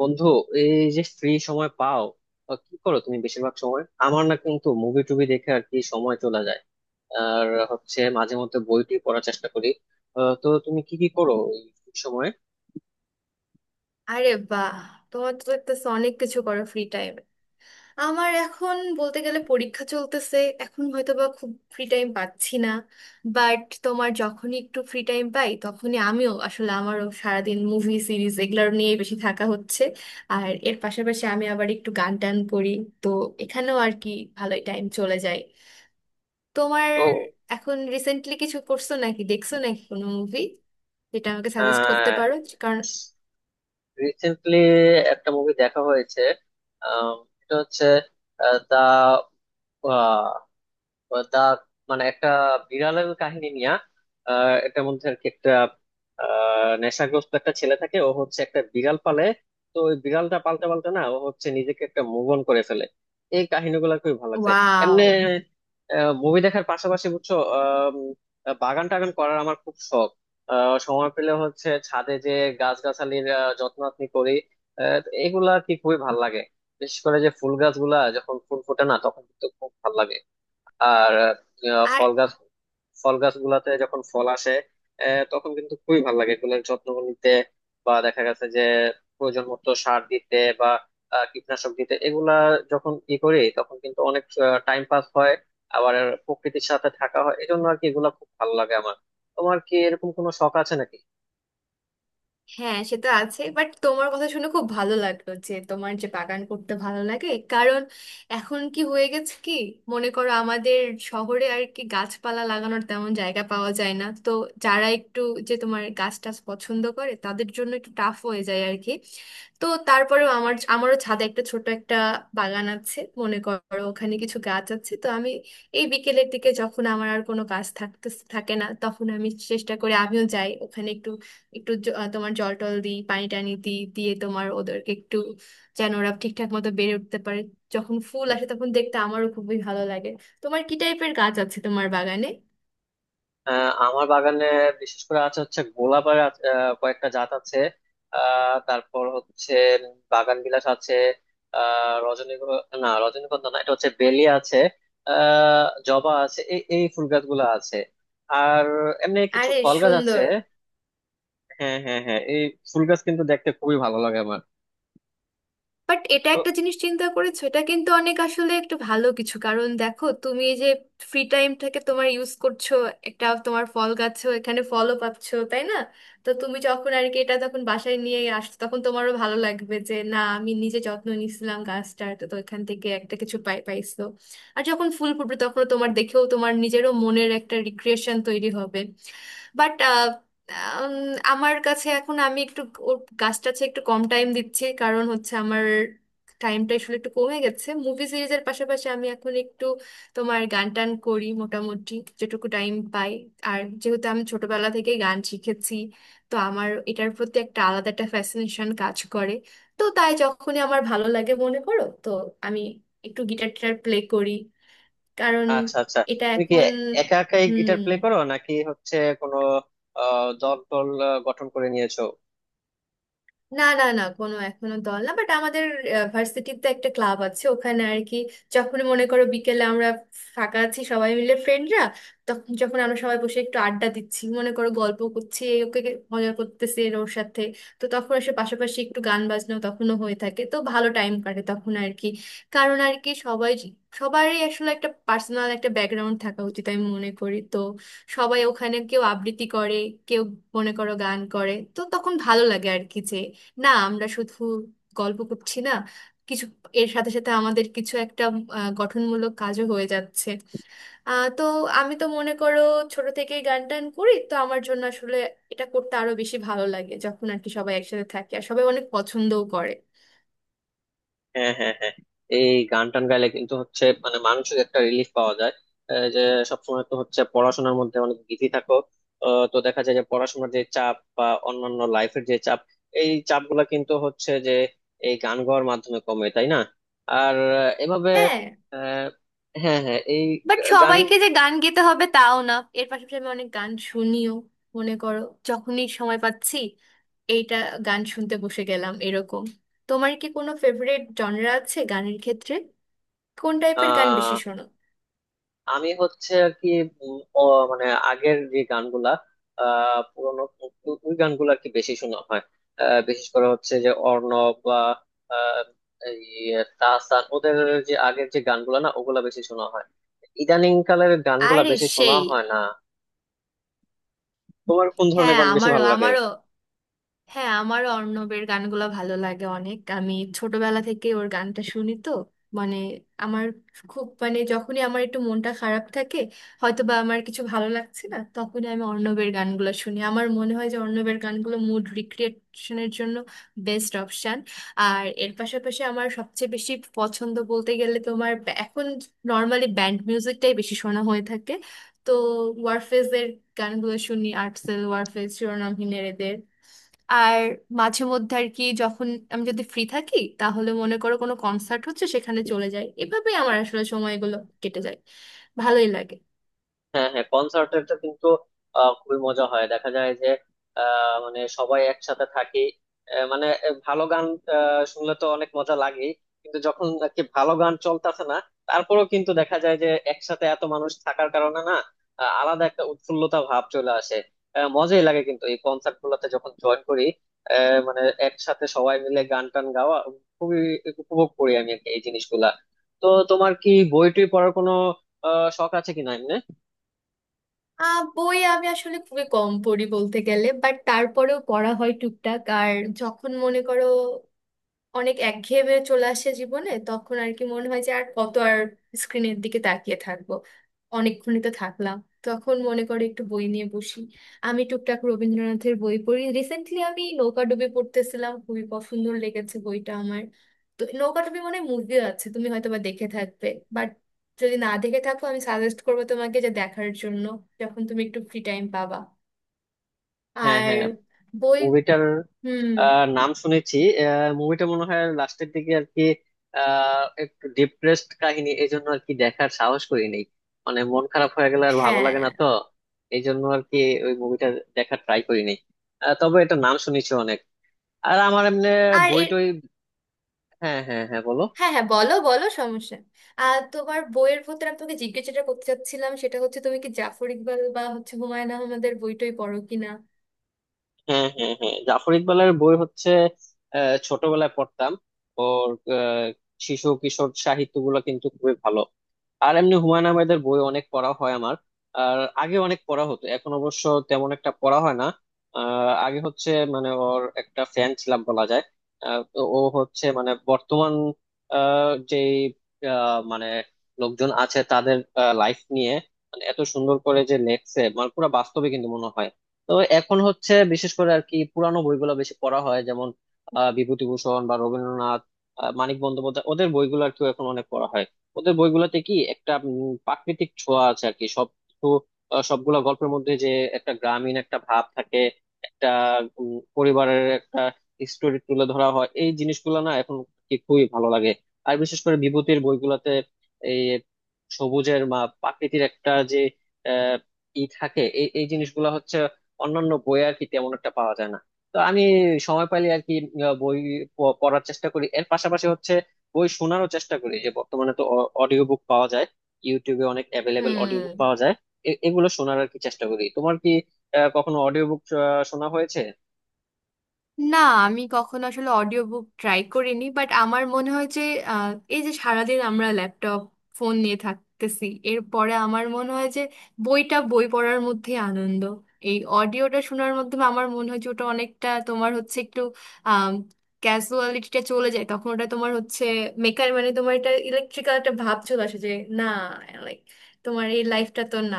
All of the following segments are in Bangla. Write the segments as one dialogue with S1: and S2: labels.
S1: বন্ধু এই যে ফ্রি সময় পাও। কি করো তুমি? বেশিরভাগ সময় আমার না কিন্তু মুভি টুভি দেখে আর কি সময় চলে যায়। আর হচ্ছে মাঝে মধ্যে বইটি পড়ার চেষ্টা করি। তো তুমি কি কি করো এই free সময়ে?
S2: আরে বাহ! তোমার তো দেখতেছো অনেক কিছু করো ফ্রি টাইমে। আমার এখন বলতে গেলে পরীক্ষা চলতেছে, এখন হয়তো বা খুব ফ্রি টাইম পাচ্ছি না। বাট তোমার যখনই একটু ফ্রি টাইম পাই তখনই আমিও আসলে, আমারও সারাদিন মুভি সিরিজ এগুলো নিয়ে বেশি থাকা হচ্ছে। আর এর পাশাপাশি আমি আবার একটু গান টান করি, তো এখানেও আর কি ভালোই টাইম চলে যায়। তোমার
S1: তো
S2: এখন রিসেন্টলি কিছু করছো নাকি, দেখছো নাকি কোনো মুভি যেটা আমাকে সাজেস্ট করতে
S1: আহ
S2: পারো? কারণ,
S1: রিসেন্টলি একটা মুভি দেখা হয়েছে। আহ, এটা হচ্ছে দা দা মানে একটা বিড়ালের কাহিনী নিয়া। এটার মধ্যে আর কি একটা নেশাগ্রস্ত একটা ছেলে থাকে, ও হচ্ছে একটা বিড়াল পালে। তো ওই বিড়ালটা পালতে পালতে না ও হচ্ছে নিজেকে একটা মুভ অন করে ফেলে। এই কাহিনীগুলো খুবই ভালো লাগছে। এমনি
S2: ওয়াও।
S1: মুভি দেখার পাশাপাশি বুঝছো, বাগান টাগান করার আমার খুব শখ। সময় পেলে হচ্ছে ছাদে যে গাছগাছালির যত্ন আত্নি করি। আহ, এগুলা কি খুবই ভালো লাগে। বিশেষ করে যে ফুল গাছগুলা যখন ফুল ফোটে না তখন কিন্তু খুব ভালো লাগে। আর
S2: আর
S1: ফল গাছ, ফল গাছগুলাতে যখন ফল আসে তখন কিন্তু খুবই ভালো লাগে এগুলোর যত্ন নিতে। বা দেখা গেছে যে প্রয়োজন মতো সার দিতে বা কীটনাশক দিতে, এগুলা যখন ই করি তখন কিন্তু অনেক টাইম পাস হয়। আবার প্রকৃতির সাথে থাকা হয়, এই জন্য আর কি এগুলা খুব ভালো লাগে আমার। তোমার কি এরকম কোনো শখ আছে নাকি?
S2: হ্যাঁ, সেটা আছে। বাট তোমার কথা শুনে খুব ভালো লাগলো যে তোমার যে বাগান করতে ভালো লাগে। কারণ এখন কি হয়ে গেছে কি, মনে করো আমাদের শহরে আর কি গাছপালা লাগানোর তেমন জায়গা পাওয়া যায় না, তো যারা একটু যে তোমার গাছ টাছ পছন্দ করে তাদের জন্য একটু টাফ হয়ে যায় আর কি। তো তারপরেও আমারও ছাদে একটা ছোট একটা বাগান আছে, মনে করো ওখানে কিছু গাছ আছে। তো আমি এই বিকেলের দিকে যখন আমার আর কোনো কাজ থাকতে থাকে না তখন আমি চেষ্টা করি, আমিও যাই ওখানে একটু একটু তোমার জল টল দিই, পানি টানি দিই, দিয়ে তোমার ওদেরকে একটু, যেন ওরা ঠিকঠাক মতো বেড়ে উঠতে পারে। যখন ফুল আসে তখন দেখতে আমারও খুবই ভালো লাগে। তোমার কি টাইপের গাছ আছে তোমার বাগানে?
S1: আমার বাগানে বিশেষ করে আছে হচ্ছে গোলাপের কয়েকটা জাত আছে। তারপর হচ্ছে বাগান বিলাস আছে, রজনীগন্ধা না, এটা হচ্ছে বেলি আছে, জবা আছে, এই এই ফুল গাছগুলো আছে। আর এমনি কিছু
S2: আরে
S1: ফল গাছ আছে।
S2: সুন্দর!
S1: হ্যাঁ, হ্যাঁ, হ্যাঁ, এই ফুল গাছ কিন্তু দেখতে খুবই ভালো লাগে আমার।
S2: বাট এটা
S1: তো
S2: একটা জিনিস চিন্তা করেছো, এটা কিন্তু অনেক আসলে একটু ভালো কিছু। কারণ দেখো তুমি এই যে ফ্রি টাইমটাকে তোমার ইউজ করছো, একটা তোমার ফল গাছও, এখানে ফলও পাচ্ছো তাই না? তো তুমি যখন আর কি এটা তখন বাসায় নিয়ে আসছো তখন তোমারও ভালো লাগবে যে না, আমি নিজে যত্ন নিছিলাম গাছটার, তো তো এখান থেকে একটা কিছু পাই, পাইছো। আর যখন ফুল ফুটবে তখন তোমার দেখেও তোমার নিজেরও মনের একটা রিক্রিয়েশন তৈরি হবে। বাট আম, আমার কাছে এখন আমি একটু ওর গাছ টাছে একটু কম টাইম দিচ্ছি। কারণ হচ্ছে আমার টাইমটা আসলে একটু কমে গেছে, মুভি সিরিজের পাশাপাশি আমি এখন একটু তোমার গান টান করি মোটামুটি, যেটুকু টাইম পাই। আর যেহেতু আমি ছোটবেলা থেকে গান শিখেছি, তো আমার এটার প্রতি একটা আলাদা একটা ফ্যাসিনেশন কাজ করে। তো তাই যখনই আমার ভালো লাগে মনে করো, তো আমি একটু গিটার টিটার প্লে করি। কারণ
S1: আচ্ছা, আচ্ছা,
S2: এটা
S1: তুমি কি
S2: এখন।
S1: একা একাই
S2: হুম।
S1: গিটার প্লে করো, নাকি হচ্ছে কোনো দল টল গঠন করে নিয়েছো?
S2: না না না কোনো এখনো দল না। বাট আমাদের ভার্সিটিতে একটা ক্লাব আছে, ওখানে আর কি যখন মনে করো বিকেলে আমরা ফাঁকা আছি সবাই মিলে, ফ্রেন্ডরা, তখন যখন আমরা সবাই বসে একটু আড্ডা দিচ্ছি মনে করো, গল্প করছি, এ ওকে মজা করতেছি এর ওর সাথে। তো তখন এসে পাশাপাশি একটু গান বাজনাও তখনও হয়ে থাকে, তো ভালো টাইম কাটে তখন আর কি। কারণ আর কি সবাই, সবারই আসলে একটা পার্সোনাল একটা ব্যাকগ্রাউন্ড থাকা উচিত আমি মনে করি। তো সবাই ওখানে কেউ আবৃত্তি করে, কেউ মনে করো গান করে, তো তখন ভালো লাগে আর কি যে না, আমরা শুধু গল্প করছি না, কিছু এর সাথে সাথে আমাদের কিছু একটা গঠনমূলক কাজও হয়ে যাচ্ছে। তো আমি তো মনে করো ছোট থেকেই গান টান করি, তো আমার জন্য আসলে এটা করতে আরো বেশি ভালো লাগে যখন আর কি সবাই একসাথে থাকে আর সবাই অনেক পছন্দও করে।
S1: হ্যাঁ, হ্যাঁ, হ্যাঁ, এই গান টান গাইলে কিন্তু হচ্ছে মানে মানসিক একটা রিলিফ পাওয়া যায়। যে সবসময় তো হচ্ছে পড়াশোনার মধ্যে অনেক বিজি থাকো। তো দেখা যায় যে পড়াশোনার যে চাপ বা অন্যান্য লাইফের যে চাপ, এই চাপ গুলা কিন্তু হচ্ছে যে এই গান গাওয়ার মাধ্যমে কমে, তাই না? আর এভাবে
S2: হ্যাঁ।
S1: আহ, হ্যাঁ, হ্যাঁ, এই
S2: বাট
S1: গান।
S2: সবাইকে যে গান গেতে হবে তাও না, এর পাশাপাশি আমি অনেক গান শুনিও। মনে করো যখনই সময় পাচ্ছি এইটা, গান শুনতে বসে গেলাম এরকম। তোমার কি কোনো ফেভারিট জনরা আছে গানের ক্ষেত্রে? কোন টাইপের গান বেশি
S1: আহ
S2: শোনো?
S1: আমি হচ্ছে আর কি ও মানে আগের যে গানগুলা, পুরোনো ওই গানগুলো আর কি বেশি শোনা হয়। বিশেষ করে হচ্ছে যে অর্ণব বা আহ, এই তাহসান, ওদের যে আগের যে গানগুলা না ওগুলা বেশি শোনা হয়। ইদানিং কালের গানগুলা
S2: আরে
S1: বেশি শোনা
S2: সেই!
S1: হয় না। তোমার কোন ধরনের
S2: হ্যাঁ
S1: গান বেশি
S2: আমারও
S1: ভালো লাগে?
S2: আমারও হ্যাঁ, আমারও অর্ণবের গানগুলো ভালো লাগে অনেক। আমি ছোটবেলা থেকে ওর গানটা শুনি, তো মানে আমার খুব, মানে যখনই আমার একটু মনটা খারাপ থাকে, হয়তো বা আমার কিছু ভালো লাগছে না, তখনই আমি অর্ণবের গানগুলো শুনি। আমার মনে হয় যে অর্ণবের গানগুলো মুড রিক্রিয়েশনের জন্য বেস্ট অপশান। আর এর পাশাপাশি আমার সবচেয়ে বেশি পছন্দ বলতে গেলে তোমার এখন নর্মালি ব্যান্ড মিউজিকটাই বেশি শোনা হয়ে থাকে। তো ওয়ারফেজের গানগুলো শুনি, আর্টসেল, ওয়ারফেজ, শিরোনামহীনের, এদের। আর মাঝে মধ্যে আর কি যখন আমি যদি ফ্রি থাকি তাহলে মনে করো কোনো কনসার্ট হচ্ছে, সেখানে চলে যাই। এভাবেই আমার আসলে সময়গুলো কেটে যায়, ভালোই লাগে।
S1: হ্যাঁ, হ্যাঁ, কনসার্টেরটা কিন্তু খুবই মজা হয়। দেখা যায় যে মানে সবাই একসাথে থাকি, ভালো গান শুনলে তো অনেক মজা লাগে। কিন্তু যখন আর কি ভালো গান চলতেছে না, তারপরেও কিন্তু দেখা যায় যে একসাথে এত মানুষ থাকার কারণে না আলাদা একটা উৎফুল্লতা ভাব চলে আসে। মজাই লাগে কিন্তু এই কনসার্ট গুলোতে যখন জয়েন করি। মানে একসাথে সবাই মিলে গান টান গাওয়া খুবই উপভোগ করি আমি আর কি এই জিনিসগুলা। তো তোমার কি বই টই পড়ার কোনো শখ আছে কিনা এমনি?
S2: আহ, বই আমি আসলে খুবই কম পড়ি বলতে গেলে, বাট তারপরেও পড়া হয় টুকটাক। আর যখন মনে করো অনেক একঘেয়েমে চলে আসে জীবনে, তখন আর কি মনে হয় যে আর কত আর স্ক্রিনের দিকে তাকিয়ে থাকবো, অনেকক্ষণই তো থাকলাম, তখন মনে করে একটু বই নিয়ে বসি। আমি টুকটাক রবীন্দ্রনাথের বই পড়ি, রিসেন্টলি আমি নৌকাডুবি পড়তেছিলাম, খুবই পছন্দ লেগেছে বইটা আমার। তো নৌকাডুবি মানে মুভি আছে, তুমি হয়তো বা দেখে থাকবে, বাট যদি না দেখে থাকো আমি সাজেস্ট করবো তোমাকে যে দেখার জন্য যখন তুমি একটু ফ্রি টাইম পাবা।
S1: হ্যাঁ,
S2: আর
S1: হ্যাঁ,
S2: বই।
S1: মুভিটার
S2: হুম।
S1: নাম শুনেছি। মুভিটা মনে হয় লাস্টের দিকে আর কি একটু ডিপ্রেসড কাহিনী, এই জন্য আর কি দেখার সাহস করি নেই। মানে মন খারাপ হয়ে গেলে আর ভালো লাগে
S2: হ্যাঁ
S1: না তো, এই জন্য আর কি ওই মুভিটা দেখার ট্রাই করি নেই। তবে এটা নাম শুনেছি অনেক। আর আমার এমনি
S2: আর
S1: বই
S2: এর।
S1: টই। হ্যাঁ, হ্যাঁ, হ্যাঁ, বলো।
S2: হ্যাঁ হ্যাঁ, বলো বলো, সমস্যা নেই। আর তোমার বইয়ের ভেতরে আমি তোমাকে জিজ্ঞেস যেটা করতে চাচ্ছিলাম সেটা হচ্ছে, তুমি কি জাফর ইকবাল বা হচ্ছে হুমায়ুন আহমেদের বইটই পড়ো কিনা?
S1: হ্যাঁ, হ্যাঁ, হ্যাঁ, জাফর ইকবালের বই হচ্ছে ছোটবেলায় পড়তাম। ওর আহ, শিশু কিশোর সাহিত্যগুলো কিন্তু খুবই ভালো। আর এমনি হুমায়ুন আহমেদের বই অনেক পড়া হয় আমার। আর আগে অনেক পড়া হতো, এখন অবশ্য তেমন একটা পড়া হয় না। আগে হচ্ছে মানে ওর একটা ফ্যান ছিলাম বলা যায়। তো ও হচ্ছে মানে বর্তমান আহ, যে মানে লোকজন আছে তাদের লাইফ নিয়ে মানে এত সুন্দর করে যে লেখছে, মানে পুরো বাস্তবে কিন্তু মনে হয়। তো এখন হচ্ছে বিশেষ করে আর কি পুরানো বইগুলো বেশি পড়া হয়, যেমন বিভূতিভূষণ বা রবীন্দ্রনাথ, মানিক বন্দ্যোপাধ্যায়, ওদের বইগুলো আর কি এখন অনেক পড়া হয়। ওদের বইগুলোতে কি একটা প্রাকৃতিক ছোঁয়া আছে আর কি সব কিছু। সবগুলা গল্পের মধ্যে যে একটা গ্রামীণ একটা ভাব থাকে, একটা পরিবারের একটা স্টোরি তুলে ধরা হয়। এই জিনিসগুলো না এখন কি খুবই ভালো লাগে। আর বিশেষ করে বিভূতির বইগুলোতে এই সবুজের মা প্রাকৃতির একটা যে আহ ই থাকে, এই এই জিনিসগুলো হচ্ছে অন্যান্য বই আর কি তেমন একটা পাওয়া যায় না। তো আমি সময় পাইলে আর কি বই পড়ার চেষ্টা করি। এর পাশাপাশি হচ্ছে বই শোনারও চেষ্টা করি, যে বর্তমানে তো অডিও বুক পাওয়া যায়, ইউটিউবে অনেক অ্যাভেলেবেল অডিও বুক
S2: হুম।
S1: পাওয়া যায়। এগুলো শোনার আর কি চেষ্টা করি। তোমার কি কখনো অডিও বুক শোনা হয়েছে?
S2: না, আমি কখনো আসলে অডিও বুক ট্রাই করিনি। বাট আমার মনে হয় যে আহ, এই যে সারাদিন আমরা ল্যাপটপ, ফোন নিয়ে থাকতেছি, এরপরে আমার মনে হয় যে বইটা, বই পড়ার মধ্যেই আনন্দ। এই অডিওটা শোনার মাধ্যমে আমার মনে হয় যে ওটা অনেকটা তোমার হচ্ছে একটু ক্যাজুয়ালিটিটা চলে যায়, তখন ওটা তোমার হচ্ছে মেকার মানে তোমার, এটা ইলেকট্রিক্যাল একটা ভাব চলে আসে যে না, লাইক, তোমার এই লাইফটা তো না।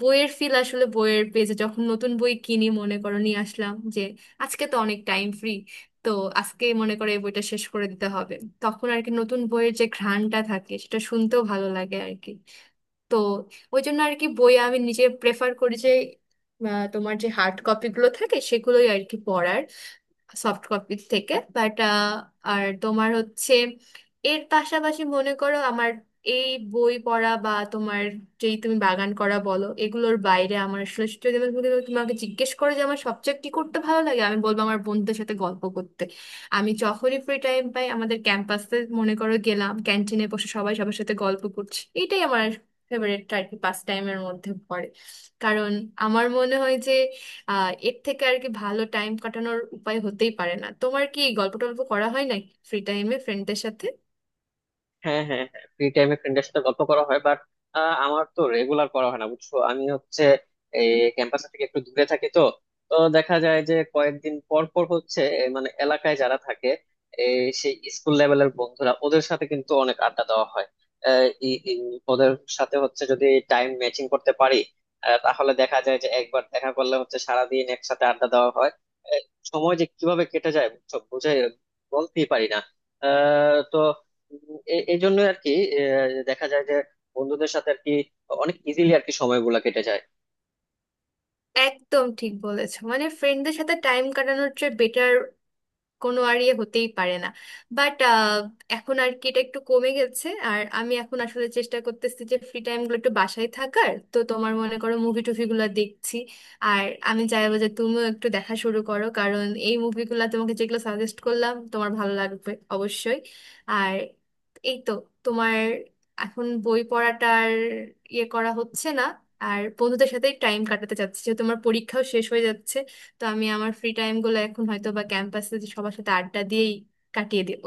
S2: বইয়ের ফিল আসলে বইয়ের পেজে, যখন নতুন বই কিনি মনে করো, নিয়ে আসলাম, আজকে তো অনেক টাইম ফ্রি, তো আজকে মনে করে এই বইটা শেষ করে দিতে হবে, তখন আর কি নতুন বইয়ের যে ঘ্রাণটা থাকে সেটা শুনতেও ভালো লাগে আর কি। তো ওই জন্য আর কি বই আমি নিজে প্রেফার করি যে তোমার যে হার্ড কপিগুলো থাকে সেগুলোই আর কি পড়ার, সফট কপির থেকে। বাট আর তোমার হচ্ছে এর পাশাপাশি মনে করো আমার এই বই পড়া বা তোমার যেই তুমি বাগান করা বলো, এগুলোর বাইরে আমার আসলে যদি আমি তোমাকে তোমাকে জিজ্ঞেস করো যে আমার সবচেয়ে কি করতে ভালো লাগে, আমি বলবো আমার বন্ধুদের সাথে গল্প করতে। আমি যখনই ফ্রি টাইম পাই আমাদের ক্যাম্পাসে মনে করো গেলাম, ক্যান্টিনে বসে সবাই সবার সাথে গল্প করছি, এটাই আমার ফেভারিট আর কি পাস টাইমের মধ্যে পড়ে। কারণ আমার মনে হয় যে আহ, এর থেকে আর কি ভালো টাইম কাটানোর উপায় হতেই পারে না। তোমার কি গল্প টল্প করা হয় নাকি ফ্রি টাইমে ফ্রেন্ডদের সাথে?
S1: হ্যাঁ, হ্যাঁ, হ্যাঁ, ফ্রি টাইমে ফ্রেন্ডের সাথে গল্প করা হয়, বাট আমার তো রেগুলার করা হয় না, বুঝছো। আমি হচ্ছে এই ক্যাম্পাস থেকে একটু দূরে থাকি তো, তো দেখা যায় যে কয়েকদিন পর পর হচ্ছে মানে এলাকায় যারা থাকে এই সেই স্কুল লেভেলের বন্ধুরা, ওদের সাথে কিন্তু অনেক আড্ডা দেওয়া হয়। ওদের সাথে হচ্ছে যদি টাইম ম্যাচিং করতে পারি তাহলে দেখা যায় যে একবার দেখা করলে হচ্ছে সারাদিন একসাথে আড্ডা দেওয়া হয়। আহ, সময় যে কিভাবে কেটে যায় বুঝছো, বুঝে বলতেই পারি না। তো এই জন্য আর কি দেখা যায় যে বন্ধুদের সাথে আর কি অনেক ইজিলি আর কি সময়গুলা কেটে যায়।
S2: একদম ঠিক বলেছো, মানে ফ্রেন্ডদের সাথে টাইম কাটানোর চেয়ে বেটার কোনো আর ইয়ে হতেই পারে না। বাট এখন আর কি এটা একটু কমে গেছে, আর আমি এখন আসলে চেষ্টা করতেছি যে ফ্রি টাইমগুলো একটু বাসায় থাকার, তো তোমার মনে করো মুভি টুভিগুলো দেখছি। আর আমি চাইবো যে তুমিও একটু দেখা শুরু করো, কারণ এই মুভিগুলো তোমাকে যেগুলো সাজেস্ট করলাম তোমার ভালো লাগবে অবশ্যই। আর এই তো তোমার এখন বই পড়াটার ইয়ে করা হচ্ছে না। আর বন্ধুদের সাথে টাইম কাটাতে চাচ্ছি যে তোমার পরীক্ষাও শেষ হয়ে যাচ্ছে, তো আমি আমার ফ্রি টাইম গুলো এখন হয়তো বা ক্যাম্পাসে সবার সাথে আড্ডা দিয়েই কাটিয়ে দেব।